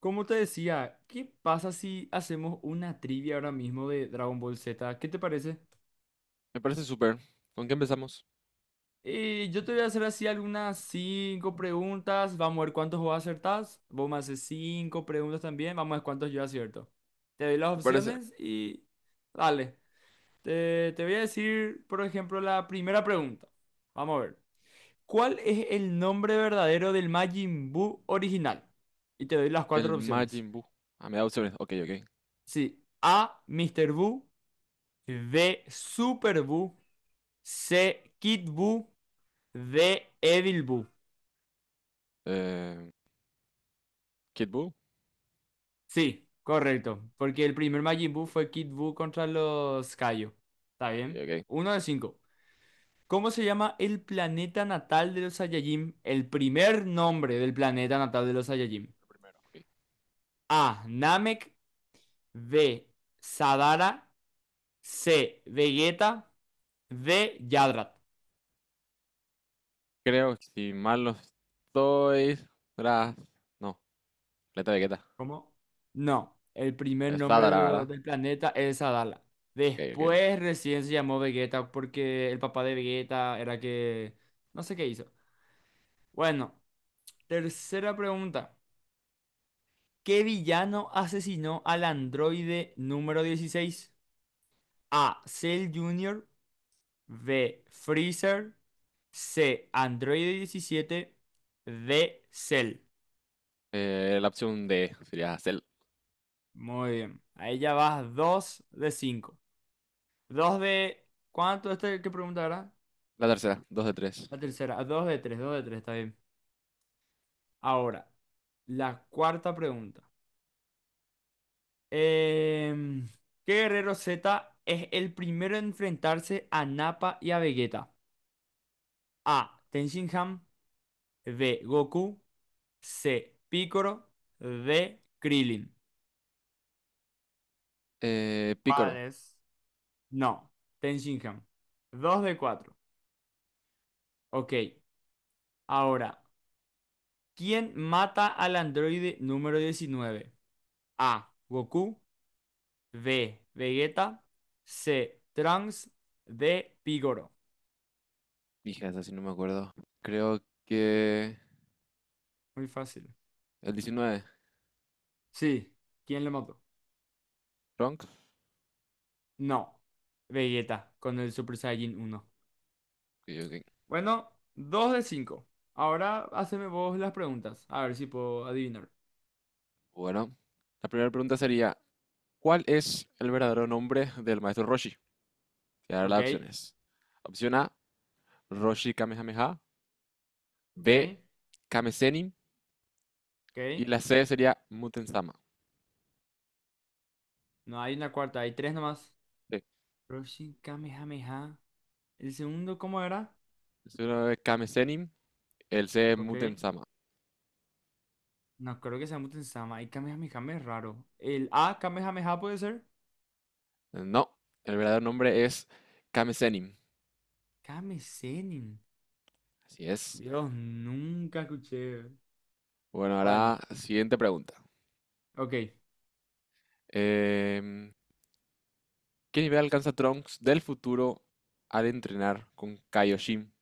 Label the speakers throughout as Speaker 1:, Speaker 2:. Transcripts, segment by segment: Speaker 1: Como te decía, ¿qué pasa si hacemos una trivia ahora mismo de Dragon Ball Z? ¿Qué te parece?
Speaker 2: Me parece súper. ¿Con qué empezamos?
Speaker 1: Yo te voy a hacer así algunas cinco preguntas. Vamos a ver cuántos vos acertás. Vos me haces cinco preguntas también. Vamos a ver cuántos yo acierto. Te doy las
Speaker 2: ¿Qué parece?
Speaker 1: opciones y, dale. Te voy a decir, por ejemplo, la primera pregunta. Vamos a ver. ¿Cuál es el nombre verdadero del Majin Buu original? Y te doy las
Speaker 2: El
Speaker 1: cuatro opciones.
Speaker 2: Majin Buu. Ah, me da opciones. Ok, ok.
Speaker 1: Sí. A. Mr. Buu. D. Super Buu. C. Kid Buu. D. Evil Buu.
Speaker 2: Eh, Kid Buu.
Speaker 1: Sí, correcto. Porque el primer Majin Buu fue Kid Buu contra los Kaio. ¿Está
Speaker 2: Ok,
Speaker 1: bien?
Speaker 2: ok.
Speaker 1: Uno de cinco. ¿Cómo se llama el planeta natal de los Saiyajin? El primer nombre del planeta natal de los Saiyajin.
Speaker 2: Primero, ok.
Speaker 1: A. Namek. B. Sadara. C. Vegeta. D. Yadrat.
Speaker 2: Creo que si mal no estoy. Tras. No, Planeta Vegeta.
Speaker 1: ¿Cómo? No, el primer
Speaker 2: Es
Speaker 1: nombre
Speaker 2: Sadara, ¿verdad?
Speaker 1: del planeta es Adala.
Speaker 2: Ok, ok.
Speaker 1: Después recién se llamó Vegeta porque el papá de Vegeta era que... No sé qué hizo. Bueno, tercera pregunta. ¿Qué villano asesinó al androide número 16? A. Cell Junior, B. Freezer. C. Androide 17, D. Cell.
Speaker 2: La opción D sería Cell.
Speaker 1: Muy bien. Ahí ya vas 2 de 5. Dos de... ¿Cuánto? Esta es que pregunta, ¿verdad?
Speaker 2: La tercera, dos de tres.
Speaker 1: La tercera. Ah, dos de tres, dos de tres, está bien. Ahora, la cuarta pregunta. Em, ¿Qué guerrero Z es el primero en enfrentarse a Nappa y a Vegeta? A. Tenshinhan. B. Goku. C. Piccolo. D. Krillin. ¿Cuál
Speaker 2: Picoro.
Speaker 1: es? No, Tenshinhan. Dos de cuatro. Ok, ahora, ¿quién mata al androide número 19? A. Goku. B. Vegeta. C. Trunks. D. Pigoro.
Speaker 2: Dije esa, si no me acuerdo. Creo que.
Speaker 1: Muy fácil.
Speaker 2: El diecinueve.
Speaker 1: Sí. ¿Quién le mató?
Speaker 2: Trunks.
Speaker 1: No. Vegeta con el Super Saiyan uno.
Speaker 2: Ok, ok.
Speaker 1: Bueno, 2 de 5. Ahora haceme vos las preguntas. A ver si puedo adivinar.
Speaker 2: Bueno. La primera pregunta sería: ¿cuál es el verdadero nombre del maestro Roshi? Voy a dar
Speaker 1: Ok,
Speaker 2: las opciones. Opción A, Roshi Kamehameha.
Speaker 1: ok,
Speaker 2: B, Kame. Y
Speaker 1: ok.
Speaker 2: la C sería Muten Sama.
Speaker 1: No hay una cuarta, hay tres nomás.
Speaker 2: Sí,
Speaker 1: Roshin Kamehameha. ¿El segundo cómo era?
Speaker 2: es una de Kame, el C es
Speaker 1: Ok.
Speaker 2: Muten Sama.
Speaker 1: No creo que sea Muten-sama. Y Kamehameha es raro. ¿El A Kamehameha puede ser?
Speaker 2: No, el verdadero nombre es Kame.
Speaker 1: Kame Senin.
Speaker 2: Así es.
Speaker 1: Dios, nunca escuché.
Speaker 2: Bueno, ahora
Speaker 1: Bueno,
Speaker 2: siguiente pregunta.
Speaker 1: ok,
Speaker 2: Em, ¿Qué nivel alcanza Trunks del futuro al entrenar con Kaioshin?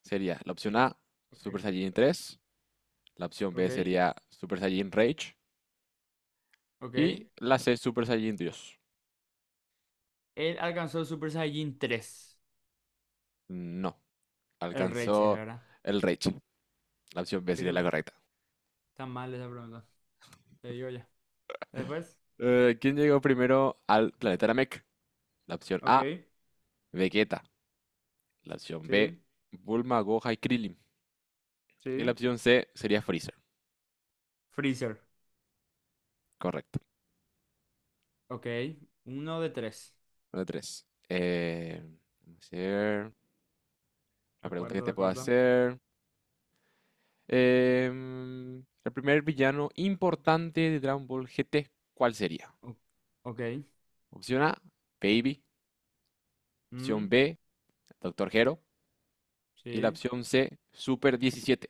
Speaker 2: Sería la opción A,
Speaker 1: ok,
Speaker 2: Super Saiyan tres. La opción B
Speaker 1: ok,
Speaker 2: sería Super Saiyan Rage.
Speaker 1: ok.
Speaker 2: Y la C, Super Saiyan Dios.
Speaker 1: Él alcanzó el Super Saiyajin 3.
Speaker 2: No,
Speaker 1: El Rage es,
Speaker 2: alcanzó
Speaker 1: ¿verdad?
Speaker 2: el Reich. La opción B sería la
Speaker 1: Pero
Speaker 2: correcta.
Speaker 1: está mal esa pregunta. Te digo ya. Después,
Speaker 2: ¿Quién llegó primero al planeta Namek? La opción A,
Speaker 1: ok,
Speaker 2: Vegeta. La opción B,
Speaker 1: sí,
Speaker 2: Bulma, Gohan y Krillin. Y la
Speaker 1: sí.
Speaker 2: opción C sería Freezer.
Speaker 1: Freezer,
Speaker 2: Correcto.
Speaker 1: ok. Uno de tres.
Speaker 2: Número 3. Vamos a ver la
Speaker 1: La
Speaker 2: pregunta
Speaker 1: cuarta,
Speaker 2: que te
Speaker 1: la
Speaker 2: puedo
Speaker 1: cuarta.
Speaker 2: hacer. Em, el primer villano importante de Dragon Ball GT, ¿cuál sería?
Speaker 1: O- ok,
Speaker 2: Opción A, Baby. Opción
Speaker 1: mm,
Speaker 2: B, Doctor Hero. Y la
Speaker 1: sí.
Speaker 2: opción C, Super 17.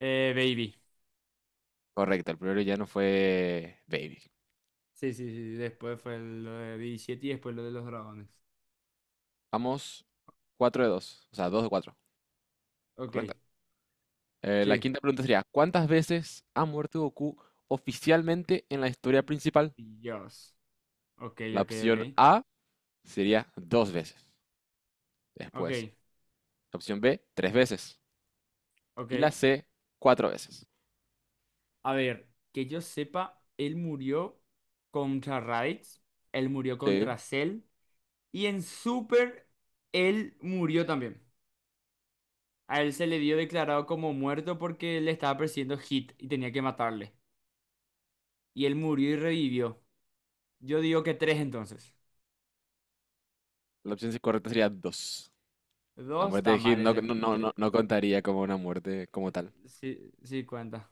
Speaker 1: Baby.
Speaker 2: Correcto, el primer villano fue Baby.
Speaker 1: Sí, sí, sí, sí. Después fue lo de 17 y después lo de los dragones.
Speaker 2: Vamos 4 de 2, o sea, 2 de 4,
Speaker 1: Ok,
Speaker 2: correcto. La
Speaker 1: sí.
Speaker 2: quinta pregunta sería, ¿cuántas veces ha muerto Goku oficialmente en la historia principal?
Speaker 1: Dios. Ok,
Speaker 2: La
Speaker 1: ok,
Speaker 2: opción
Speaker 1: ok.
Speaker 2: A sería dos veces.
Speaker 1: Ok,
Speaker 2: Después, la opción B, tres veces.
Speaker 1: ok.
Speaker 2: Y la C, cuatro veces.
Speaker 1: A ver, que yo sepa, él murió contra Raditz, él murió
Speaker 2: Sí,
Speaker 1: contra Cell y en Super él murió también. A él se le dio declarado como muerto porque le estaba persiguiendo Hit y tenía que matarle. Y él murió y revivió. Yo digo que tres entonces.
Speaker 2: la opción correcta sería dos. La
Speaker 1: Dos
Speaker 2: muerte
Speaker 1: está
Speaker 2: de Hit
Speaker 1: mal
Speaker 2: no,
Speaker 1: ese.
Speaker 2: no, no,
Speaker 1: Tres.
Speaker 2: no, no contaría como una muerte como tal.
Speaker 1: Sí, sí cuenta.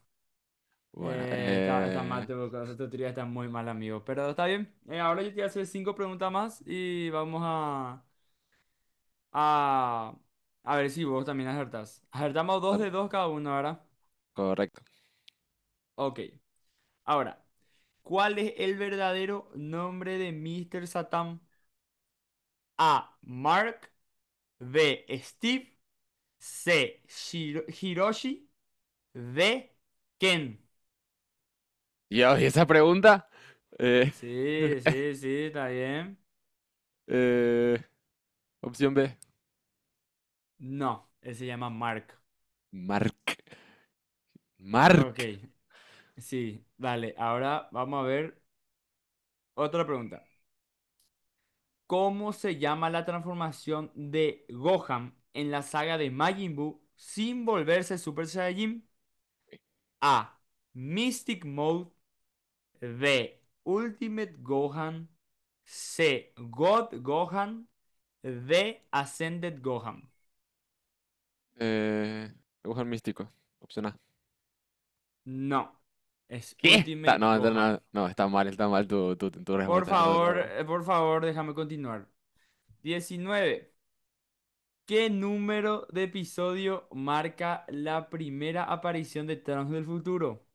Speaker 2: Bueno,
Speaker 1: Está mal, tu teoría está muy mal, amigo. Pero está bien. Ahora yo te voy a hacer cinco preguntas más y a... a ver si vos también acertás. Acertamos dos
Speaker 2: al-
Speaker 1: de dos cada uno, ¿verdad?
Speaker 2: correcto.
Speaker 1: Ok. Ahora, ¿cuál es el verdadero nombre de Mr. Satan? A. Mark. B. Steve. C. Hiroshi. D. Ken.
Speaker 2: Dios, y esa pregunta. eh,
Speaker 1: Sí, sí, sí, está bien.
Speaker 2: eh, opción B.
Speaker 1: No, él se llama Mark.
Speaker 2: Mark.
Speaker 1: Ok,
Speaker 2: Mark.
Speaker 1: sí, dale. Ahora vamos a ver otra pregunta. ¿Cómo se llama la transformación de Gohan en la saga de Majin Buu sin volverse Super Saiyajin? A. Mystic Mode. B. Ultimate Gohan. C. God Gohan. D. Ascended Gohan.
Speaker 2: Eh, dibujo místico. Opción A.
Speaker 1: No, es
Speaker 2: ¿Qué?
Speaker 1: Ultimate
Speaker 2: No, no,
Speaker 1: Gohan.
Speaker 2: no, no, está mal tu respuesta. No, no, no. No.
Speaker 1: Por favor, déjame continuar. 19. ¿Qué número de episodio marca la primera aparición de Thanos del futuro?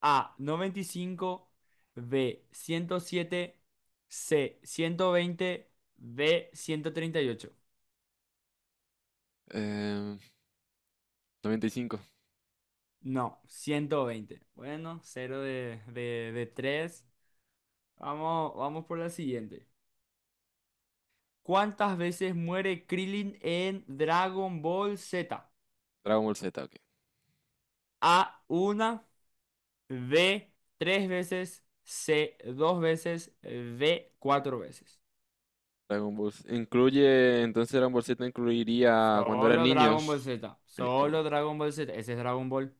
Speaker 1: A, 95. B, 107. C, 120. D, 138.
Speaker 2: Eh, 95.
Speaker 1: No, 120. Bueno, cero de tres. Vamos, vamos por la siguiente. ¿Cuántas veces muere Krillin en Dragon Ball Z?
Speaker 2: Dragon Ball Z, ok.
Speaker 1: A, una. B, tres veces. C, 2 veces. D, 4 veces.
Speaker 2: Dragon Ball Z incluye, entonces Dragon Ball Z incluiría cuando eran
Speaker 1: Solo Dragon Ball
Speaker 2: niños.
Speaker 1: Z.
Speaker 2: Bueno,
Speaker 1: Solo Dragon Ball Z. Ese es Dragon Ball.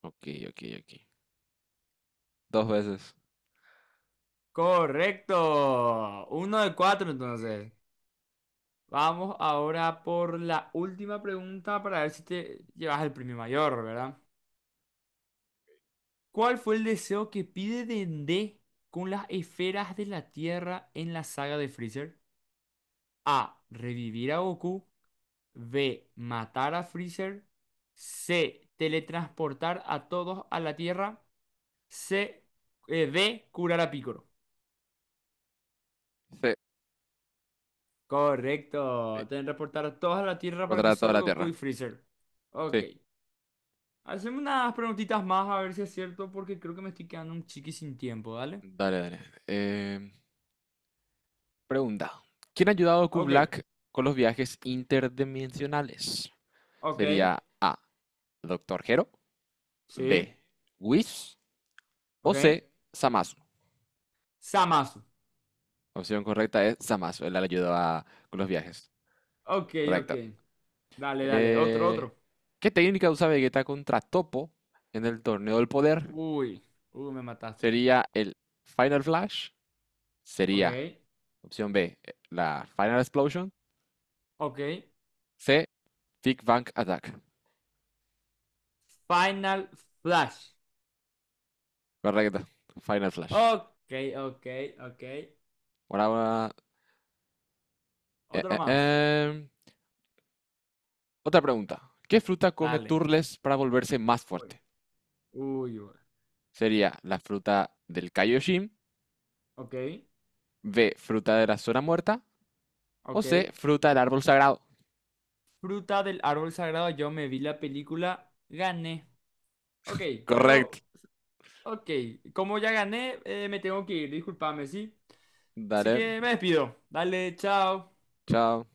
Speaker 2: ok, ok, ok. Dos veces.
Speaker 1: Correcto. Uno de cuatro, entonces. Vamos ahora por la última pregunta para ver si te llevas el premio mayor, ¿verdad? ¿Cuál fue el deseo que pide Dende con las esferas de la Tierra en la saga de Freezer? A. Revivir a Goku. B. Matar a Freezer. C. Teletransportar a todos a la Tierra. C. D. Curar a Piccolo.
Speaker 2: Sí,
Speaker 1: Correcto.
Speaker 2: sí.
Speaker 1: Deben reportar a toda la Tierra para que
Speaker 2: Para toda
Speaker 1: solo
Speaker 2: la Tierra.
Speaker 1: Goku y Freezer. Ok.
Speaker 2: Sí,
Speaker 1: Hacemos unas preguntitas más a ver si es cierto, porque creo que me estoy quedando un chiqui sin tiempo, ¿dale?
Speaker 2: dale, dale. Em, Pregunta: ¿quién ha ayudado a
Speaker 1: Ok.
Speaker 2: Kublak con los viajes interdimensionales?
Speaker 1: Ok.
Speaker 2: Sería A, Doctor Gero, B,
Speaker 1: Sí.
Speaker 2: Whis, o
Speaker 1: Ok.
Speaker 2: C, Zamasu.
Speaker 1: Samasu.
Speaker 2: La opción correcta es Zamasu. Él le ayudó a- con los viajes.
Speaker 1: Ok, ok.
Speaker 2: Correcto.
Speaker 1: Dale, dale. Otro,
Speaker 2: Eh,
Speaker 1: otro.
Speaker 2: ¿Qué técnica usa Vegeta contra Topo en el torneo del poder?
Speaker 1: Uy. Uy, me mataste.
Speaker 2: Sería el Final Flash.
Speaker 1: Ok.
Speaker 2: Sería opción B, la Final Explosion.
Speaker 1: Ok.
Speaker 2: C, Big Bang Attack.
Speaker 1: Final Flash.
Speaker 2: Correcto. Final Flash.
Speaker 1: Ok, ok, ok.
Speaker 2: Por ahora Eh,
Speaker 1: Otro
Speaker 2: eh,
Speaker 1: más.
Speaker 2: em, otra pregunta. ¿Qué fruta come
Speaker 1: Dale.
Speaker 2: Turles para volverse más
Speaker 1: Uy.
Speaker 2: fuerte?
Speaker 1: Uy, uy.
Speaker 2: ¿Sería la fruta del Kaioshin?
Speaker 1: Ok.
Speaker 2: ¿B, fruta de la zona muerta? ¿O
Speaker 1: Ok.
Speaker 2: C, fruta del árbol sagrado?
Speaker 1: Fruta del árbol sagrado, yo me vi la película, gané. Ok,
Speaker 2: Correcto.
Speaker 1: pero, ok, como ya gané, me tengo que ir, discúlpame, ¿sí? Así
Speaker 2: Dale,
Speaker 1: que me despido. Dale, chao.
Speaker 2: chao.